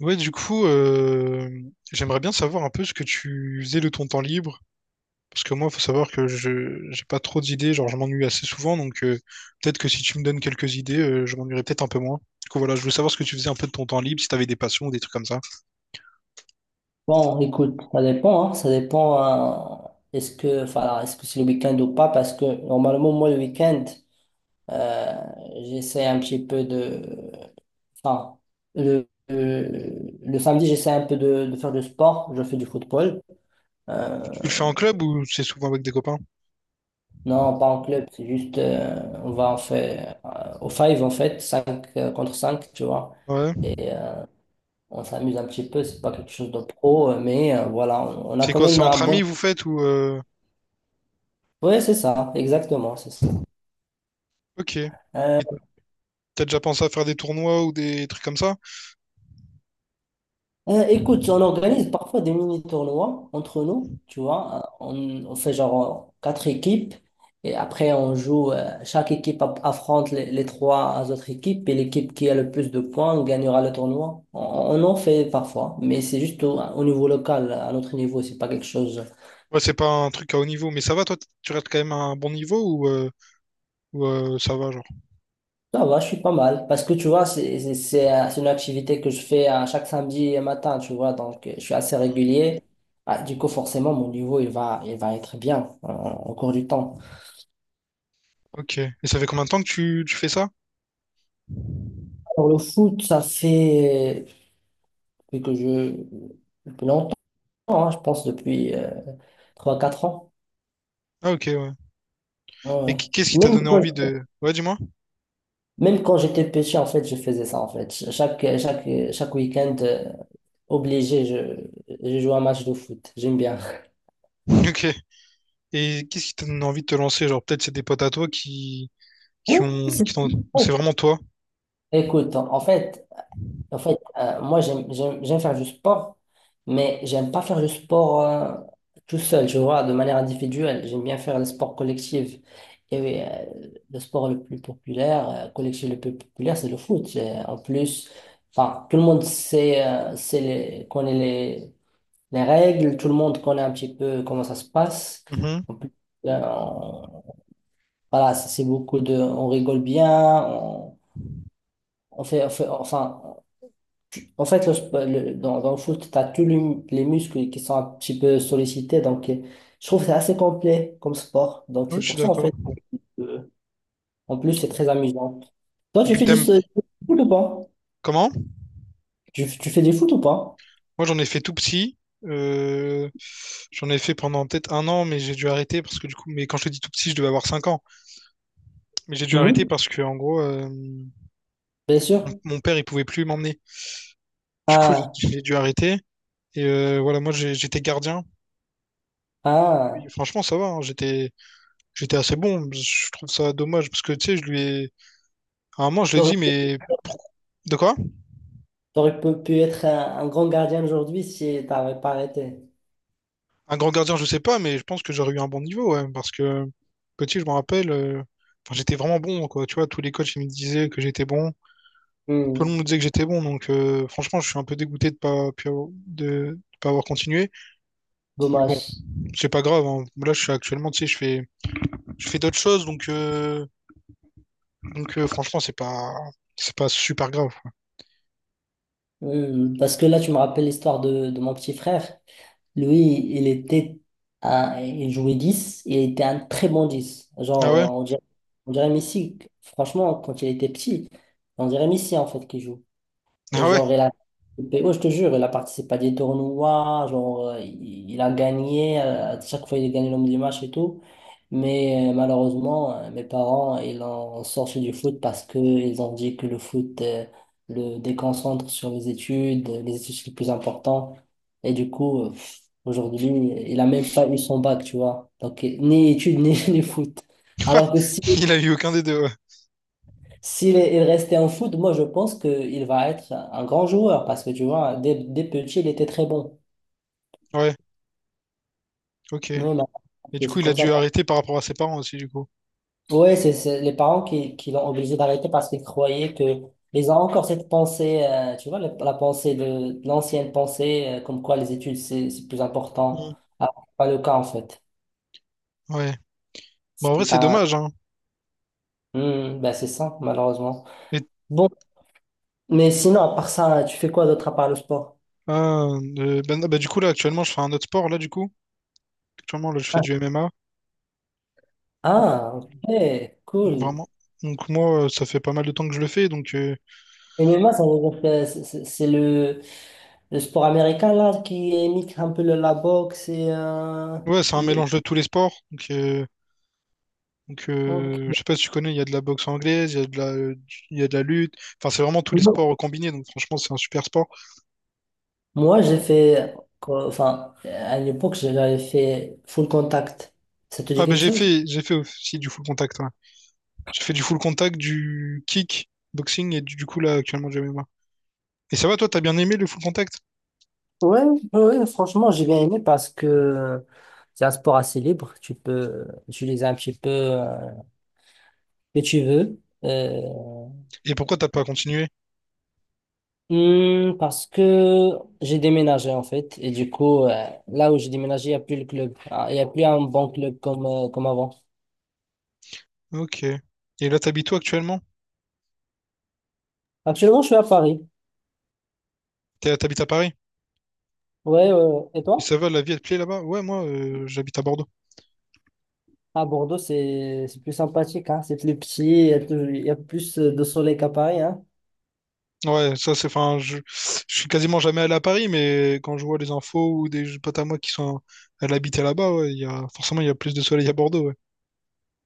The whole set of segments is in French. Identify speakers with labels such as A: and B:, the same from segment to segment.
A: Ouais, du coup, j'aimerais bien savoir un peu ce que tu faisais de ton temps libre. Parce que moi, faut savoir que je j'ai pas trop d'idées, genre je m'ennuie assez souvent, peut-être que si tu me donnes quelques idées, je m'ennuierais peut-être un peu moins. Du coup, voilà, je voulais savoir ce que tu faisais un peu de ton temps libre, si t'avais des passions ou des trucs comme ça.
B: Bon, écoute, ça dépend, hein. Ça dépend, hein, est-ce que, enfin, est-ce que c'est le week-end ou pas, parce que normalement, moi, le week-end, euh, j'essaie un petit peu de, enfin, le samedi, j'essaie un peu de faire du sport, je fais du football. Euh,
A: Tu le fais en club ou c'est souvent avec des copains?
B: non, pas en club, c'est juste, on va en faire, au five, en fait, 5 contre cinq, tu vois.
A: Ouais.
B: Et on s'amuse un petit peu, c'est pas quelque chose de pro, mais voilà, on a
A: C'est
B: quand
A: quoi, c'est
B: même un
A: entre amis
B: bon.
A: vous faites ou...
B: Oui, c'est ça, exactement, c'est ça.
A: Ok. Et
B: Euh,
A: t'as déjà pensé à faire des tournois ou des trucs comme ça?
B: écoute, on organise parfois des mini-tournois entre nous, tu vois. On fait genre quatre équipes et après on joue, chaque équipe affronte les, trois autres équipes et l'équipe qui a le plus de points gagnera le tournoi. On en fait parfois, mais c'est juste au niveau local, à notre niveau, c'est pas quelque chose.
A: Ouais, c'est pas un truc à haut niveau, mais ça va, toi, tu restes quand même à un bon niveau ou, ça va, genre?
B: Ça va, je suis pas mal. Parce que tu vois, c'est une activité que je fais à chaque samedi matin, tu vois. Donc, je suis assez
A: Mhm.
B: régulier. Ah, du coup, forcément, mon niveau, il va être bien au cours du temps.
A: Ok. Et ça fait combien de temps que tu fais ça?
B: Pour le foot, ça fait depuis que je... depuis longtemps, hein, je pense depuis trois quatre ans.
A: Ah, ok, ouais.
B: Ouais,
A: Et
B: ouais.
A: qu'est-ce qui t'a
B: Même
A: donné
B: quand,
A: envie de... Ouais, dis-moi.
B: même quand j'étais petit, en fait, je faisais ça, en fait. Chaque week-end, obligé, je joue un match de foot. J'aime bien.
A: Ok. Et qu'est-ce qui t'a donné envie de te lancer? Genre, peut-être c'est des potes à toi qui,
B: Oui,
A: qui ont...
B: c'est
A: Ou c'est vraiment toi?
B: écoute, en en fait moi, j'aime faire du sport, mais j'aime pas faire du sport tout seul, je vois, de manière individuelle. J'aime bien faire le sport collectif. Et oui, le sport le plus populaire, collectif le plus populaire, c'est le foot. Et en plus, enfin, tout le monde sait, sait les, connaît les règles, tout le monde connaît un petit peu comment ça se passe.
A: Mhm.
B: En plus, euh, on- voilà, c'est beaucoup de... On rigole bien, on fait, enfin, en fait, le dans le foot, tu as tous les muscles qui sont un petit peu sollicités. Donc, je trouve que c'est assez complet comme sport. Donc,
A: Oui,
B: c'est
A: je suis
B: pour ça, en
A: d'accord.
B: fait, euh, en plus, c'est très amusant. Toi,
A: Et
B: tu
A: puis
B: fais du,
A: t'aimes
B: s- du foot ou pas?
A: comment?
B: Tu fais du foot ou pas?
A: Moi j'en ai fait tout petit. Euh, J'en ai fait pendant peut-être un an, mais j'ai dû arrêter parce que du coup, mais quand je te dis tout petit, je devais avoir 5 ans. Mais j'ai dû arrêter
B: Mhm.
A: parce que en gros,
B: Bien sûr.
A: mon père, il pouvait plus m'emmener. Du coup, j'ai
B: Ah,
A: j'ai dû arrêter. Et voilà, j'étais gardien. Puis,
B: ah.
A: franchement, ça va, hein, j'étais assez bon. Je trouve ça dommage parce que, tu sais, je lui ai... À un moment, je lui ai
B: T'aurais,
A: dit, mais... pourquoi- De quoi?
B: t'aurais pu être un grand gardien aujourd'hui si t'avais pas arrêté.
A: Un grand gardien, je sais pas, mais je pense que j'aurais eu un bon niveau, ouais, parce que petit, je me rappelle, enfin, j'étais vraiment bon, quoi. Tu vois, tous les coachs, ils me disaient que j'étais bon. Tout le monde me
B: Hmm.
A: disait que j'étais bon, franchement, je suis un peu dégoûté de pas, pu avoir- de pas avoir continué. Mais bon,
B: Dommage.
A: c'est pas grave, hein. Là, je suis actuellement, tu sais, je fais, je fais d'autres choses, donc, franchement, c'est pas super grave.
B: Hmm. Parce que là, tu me rappelles l'histoire de mon petit frère. Lui, il était il jouait 10, et il était un très bon 10.
A: Ah
B: Genre,
A: ouais?
B: on dirait Messi, franchement, quand il était petit, on dirait Messi en fait qui joue. Et
A: Ah ouais?
B: genre, il a participé, ouais, je te jure, il a participé à des tournois, genre, il a gagné, à chaque fois il a gagné l'homme du match et tout. Mais malheureusement, mes parents, ils ont sorti du foot parce qu'ils ont dit que le foot le déconcentre sur les études c'est le plus important. Et du coup, aujourd'hui, il a même pas eu son bac, tu vois. Donc, ni études, ni foot. Alors que si
A: Il a eu aucun des deux, ouais.
B: s'il est- il restait en foot, moi je pense qu'il va être un grand joueur parce que tu vois, dès petit, il était très bon.
A: Ouais, ok.
B: Mais maintenant,
A: Et du
B: c'est
A: coup,
B: c'est
A: il a
B: comme ça.
A: dû arrêter par rapport à ses parents aussi, du coup.
B: Ouais, c'est les parents qui, l'ont obligé d'arrêter parce qu'ils croyaient que ils ont encore cette pensée, tu vois, la pensée de l'ancienne pensée, comme quoi les études c'est plus important.
A: Mm.
B: Ah, c'est pas le cas en fait.
A: Ouais. Bon, en vrai,
B: C'est
A: c'est
B: un-
A: dommage, hein.
B: Hmm, ben, c'est ça, malheureusement.
A: Et,
B: Bon, mais sinon, à part ça, tu fais quoi d'autre à part le sport?
A: ah, du coup, là, actuellement, je fais un autre sport, là, du coup. Actuellement, là, je fais
B: Ah,
A: du MMA. Euh,
B: ah, ok,
A: donc,
B: cool.
A: vraiment. Donc, moi, ça fait pas mal de temps que je le fais.
B: MMA, ça veut dire que c'est le sport américain là qui imite un peu la boxe
A: Ouais, c'est un
B: le...
A: mélange de tous les sports. Donc, euh, Donc,
B: Ok.
A: euh, je sais pas si tu connais, il y a de la boxe anglaise, il y a de la lutte. Enfin, c'est vraiment tous les sports combinés. Donc, franchement, c'est un super sport.
B: Moi, j'ai fait, quoi, enfin, à l'époque, j'avais fait full contact. Ça te dit
A: Ah, ben,
B: quelque chose?
A: j'ai fait aussi du full contact, ouais. J'ai fait du full contact, du kick, boxing et du coup, là, actuellement, du MMA. Et ça va, toi, t'as bien aimé le full contact?
B: Ouais, ouais, franchement, j'ai bien aimé parce que c'est un sport assez libre. Tu peux utiliser un petit peu ce que tu veux.
A: Et pourquoi t'as pas continué?
B: Parce que j'ai déménagé en fait et du coup là où j'ai déménagé il n'y a plus le club. Ah, il n'y a plus un bon club comme avant.
A: Ok. Et là, t'habites où actuellement?
B: Actuellement, je suis à Paris.
A: T'es- T'habites à Paris?
B: Ouais, ouais, ouais. Et
A: Et
B: toi?
A: ça va, la vie, elle te plaît là-bas? Ouais, moi, j'habite à Bordeaux.
B: À Bordeaux c'est plus sympathique, hein. C'est plus petit, il y a plus de soleil qu'à Paris, hein.
A: Ouais, ça c'est, enfin, je suis quasiment jamais allé à Paris, mais quand je vois les infos ou des potes à moi qui sont allés habiter là-bas, ouais, forcément il y a plus de soleil à Bordeaux, ouais.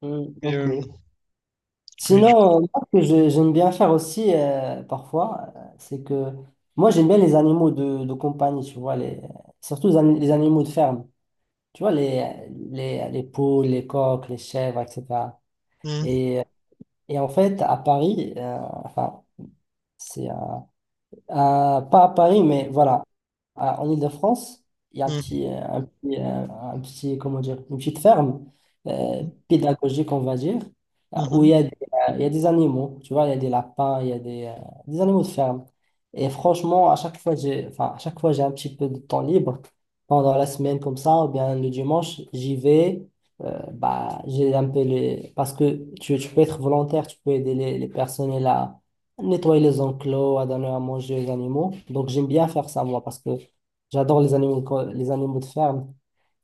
B: Hmm,
A: Et,
B: ok.
A: euh, et
B: Sinon moi, ce que j'aime bien faire aussi parfois c'est que moi j'aime bien les animaux de compagnie, tu vois les... surtout les les animaux de ferme, tu vois, les, les poules, les coqs, les chèvres, etc.
A: mhm,
B: Et, et en fait, à Paris, enfin, c'est pas à Paris, mais voilà, en Île-de-France, il y a un petit, comment dire, une petite ferme euh, pédagogique, on va dire, où
A: mhm,
B: il y a des animaux, tu vois, il y a des lapins, il y a des animaux de ferme. Et franchement, à chaque fois, j'ai, enfin, à chaque fois, j'ai un petit peu de temps libre pendant la semaine comme ça, ou bien le dimanche, j'y vais. Bah, j'ai un peu les... Parce que tu peux être volontaire, tu peux aider les, personnes là nettoyer les enclos, à donner à manger aux animaux. Donc, j'aime bien faire ça, moi, parce que j'adore les animaux, les animaux de ferme.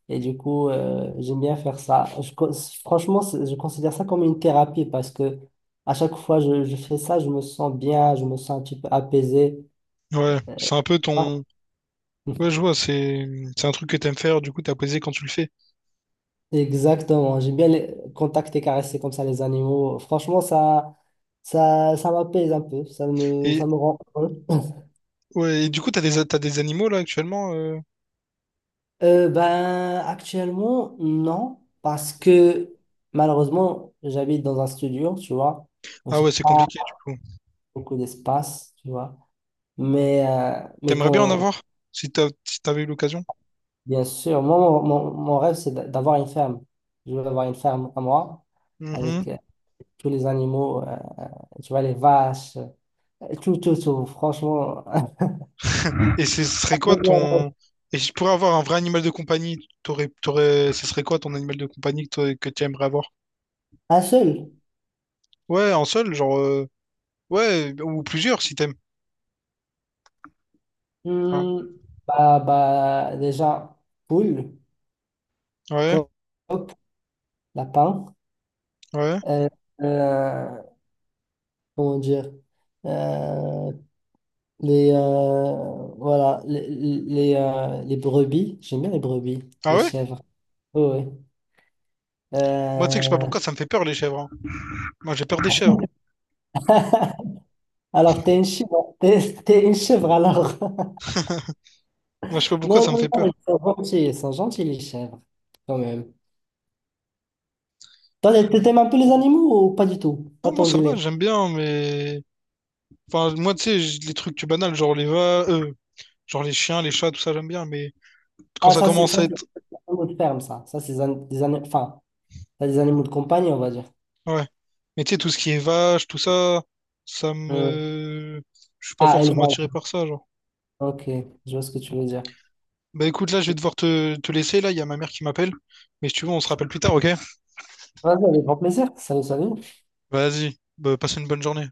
B: Et du coup, j'aime bien faire ça. Franchement, je considère ça comme une thérapie parce que à chaque fois je fais ça, je me sens bien, je me sens un petit peu apaisé.
A: mhm. Ouais, c'est un peu
B: Ah,
A: ton, ouais, je vois, c'est un truc que t'aimes faire, du coup t'as plaisir quand tu le fais.
B: exactement. J'aime bien contacter, caresser comme ça les animaux. Franchement, ça m'apaise un peu. Ça me,
A: Et
B: ça me rend heureux.
A: ouais, et du coup t'as des animaux là actuellement, euh.
B: Ben, actuellement, non, parce que malheureusement, j'habite dans un studio, tu vois, donc
A: Ah
B: j'ai
A: ouais, c'est
B: pas
A: compliqué du coup.
B: beaucoup d'espace, tu vois. Mais, euh, mais
A: T'aimerais bien en
B: quand,
A: avoir si t'avais eu l'occasion.
B: bien sûr, moi, mon rêve, c'est d'avoir une ferme. Je veux avoir une ferme à moi, avec tous les animaux, tu vois, les vaches, tout, tout, tout, franchement.
A: Et ce serait quoi ton. Et si tu pourrais avoir un vrai animal de compagnie, t'aurais... ce serait quoi ton animal de compagnie que que tu aimerais avoir?
B: Un seul?
A: Ouais, un seul, genre, euh. Ouais, ou plusieurs si t'aimes. Hein.
B: Hmm, bah, déjà, poule,
A: Ouais,
B: coq, lapin.
A: ouais.
B: Euh, euh, comment dire? Euh, voilà, les brebis, j'aime bien les brebis,
A: Ah
B: les
A: ouais?
B: chèvres. Oui. Oui.
A: Moi, tu sais que je sais pas
B: Euh,
A: pourquoi ça me fait peur, les chèvres, hein. Moi, j'ai peur des chèvres, hein.
B: alors, t'es une chèvre, t'es une chèvre alors.
A: Moi, je sais pas pourquoi
B: Non,
A: ça me
B: non,
A: fait
B: non, ils
A: peur.
B: sont gentils, ils sont gentils les chèvres, quand même. Toi, t'aimes un peu les animaux ou pas du tout? Pas
A: Non, moi,
B: ton
A: ça va,
B: délire.
A: j'aime bien, mais. Enfin, moi, tu sais, les trucs banals, genre les chiens, les chats, tout ça, j'aime bien, mais quand
B: Ah,
A: ça commence
B: ça,
A: à
B: c'est
A: être
B: des animaux de ferme, ça. Ça, c'est des, an- des ani- enfin, ça, des animaux de compagnie, on va dire.
A: ouais. Mais tu sais, tout ce qui est vache, tout ça, ça
B: Hmm.
A: me... Je suis pas
B: Ah,
A: forcément
B: élevage.
A: attiré par ça, genre.
B: Ok, je vois ce que tu veux dire.
A: Bah écoute, là, je vais devoir te laisser, là, il y a ma mère qui m'appelle. Mais si tu veux, on se rappelle plus tard, ok?
B: Vas-y, avec grand plaisir. Salut, salut.
A: Vas-y, bah, passe une bonne journée.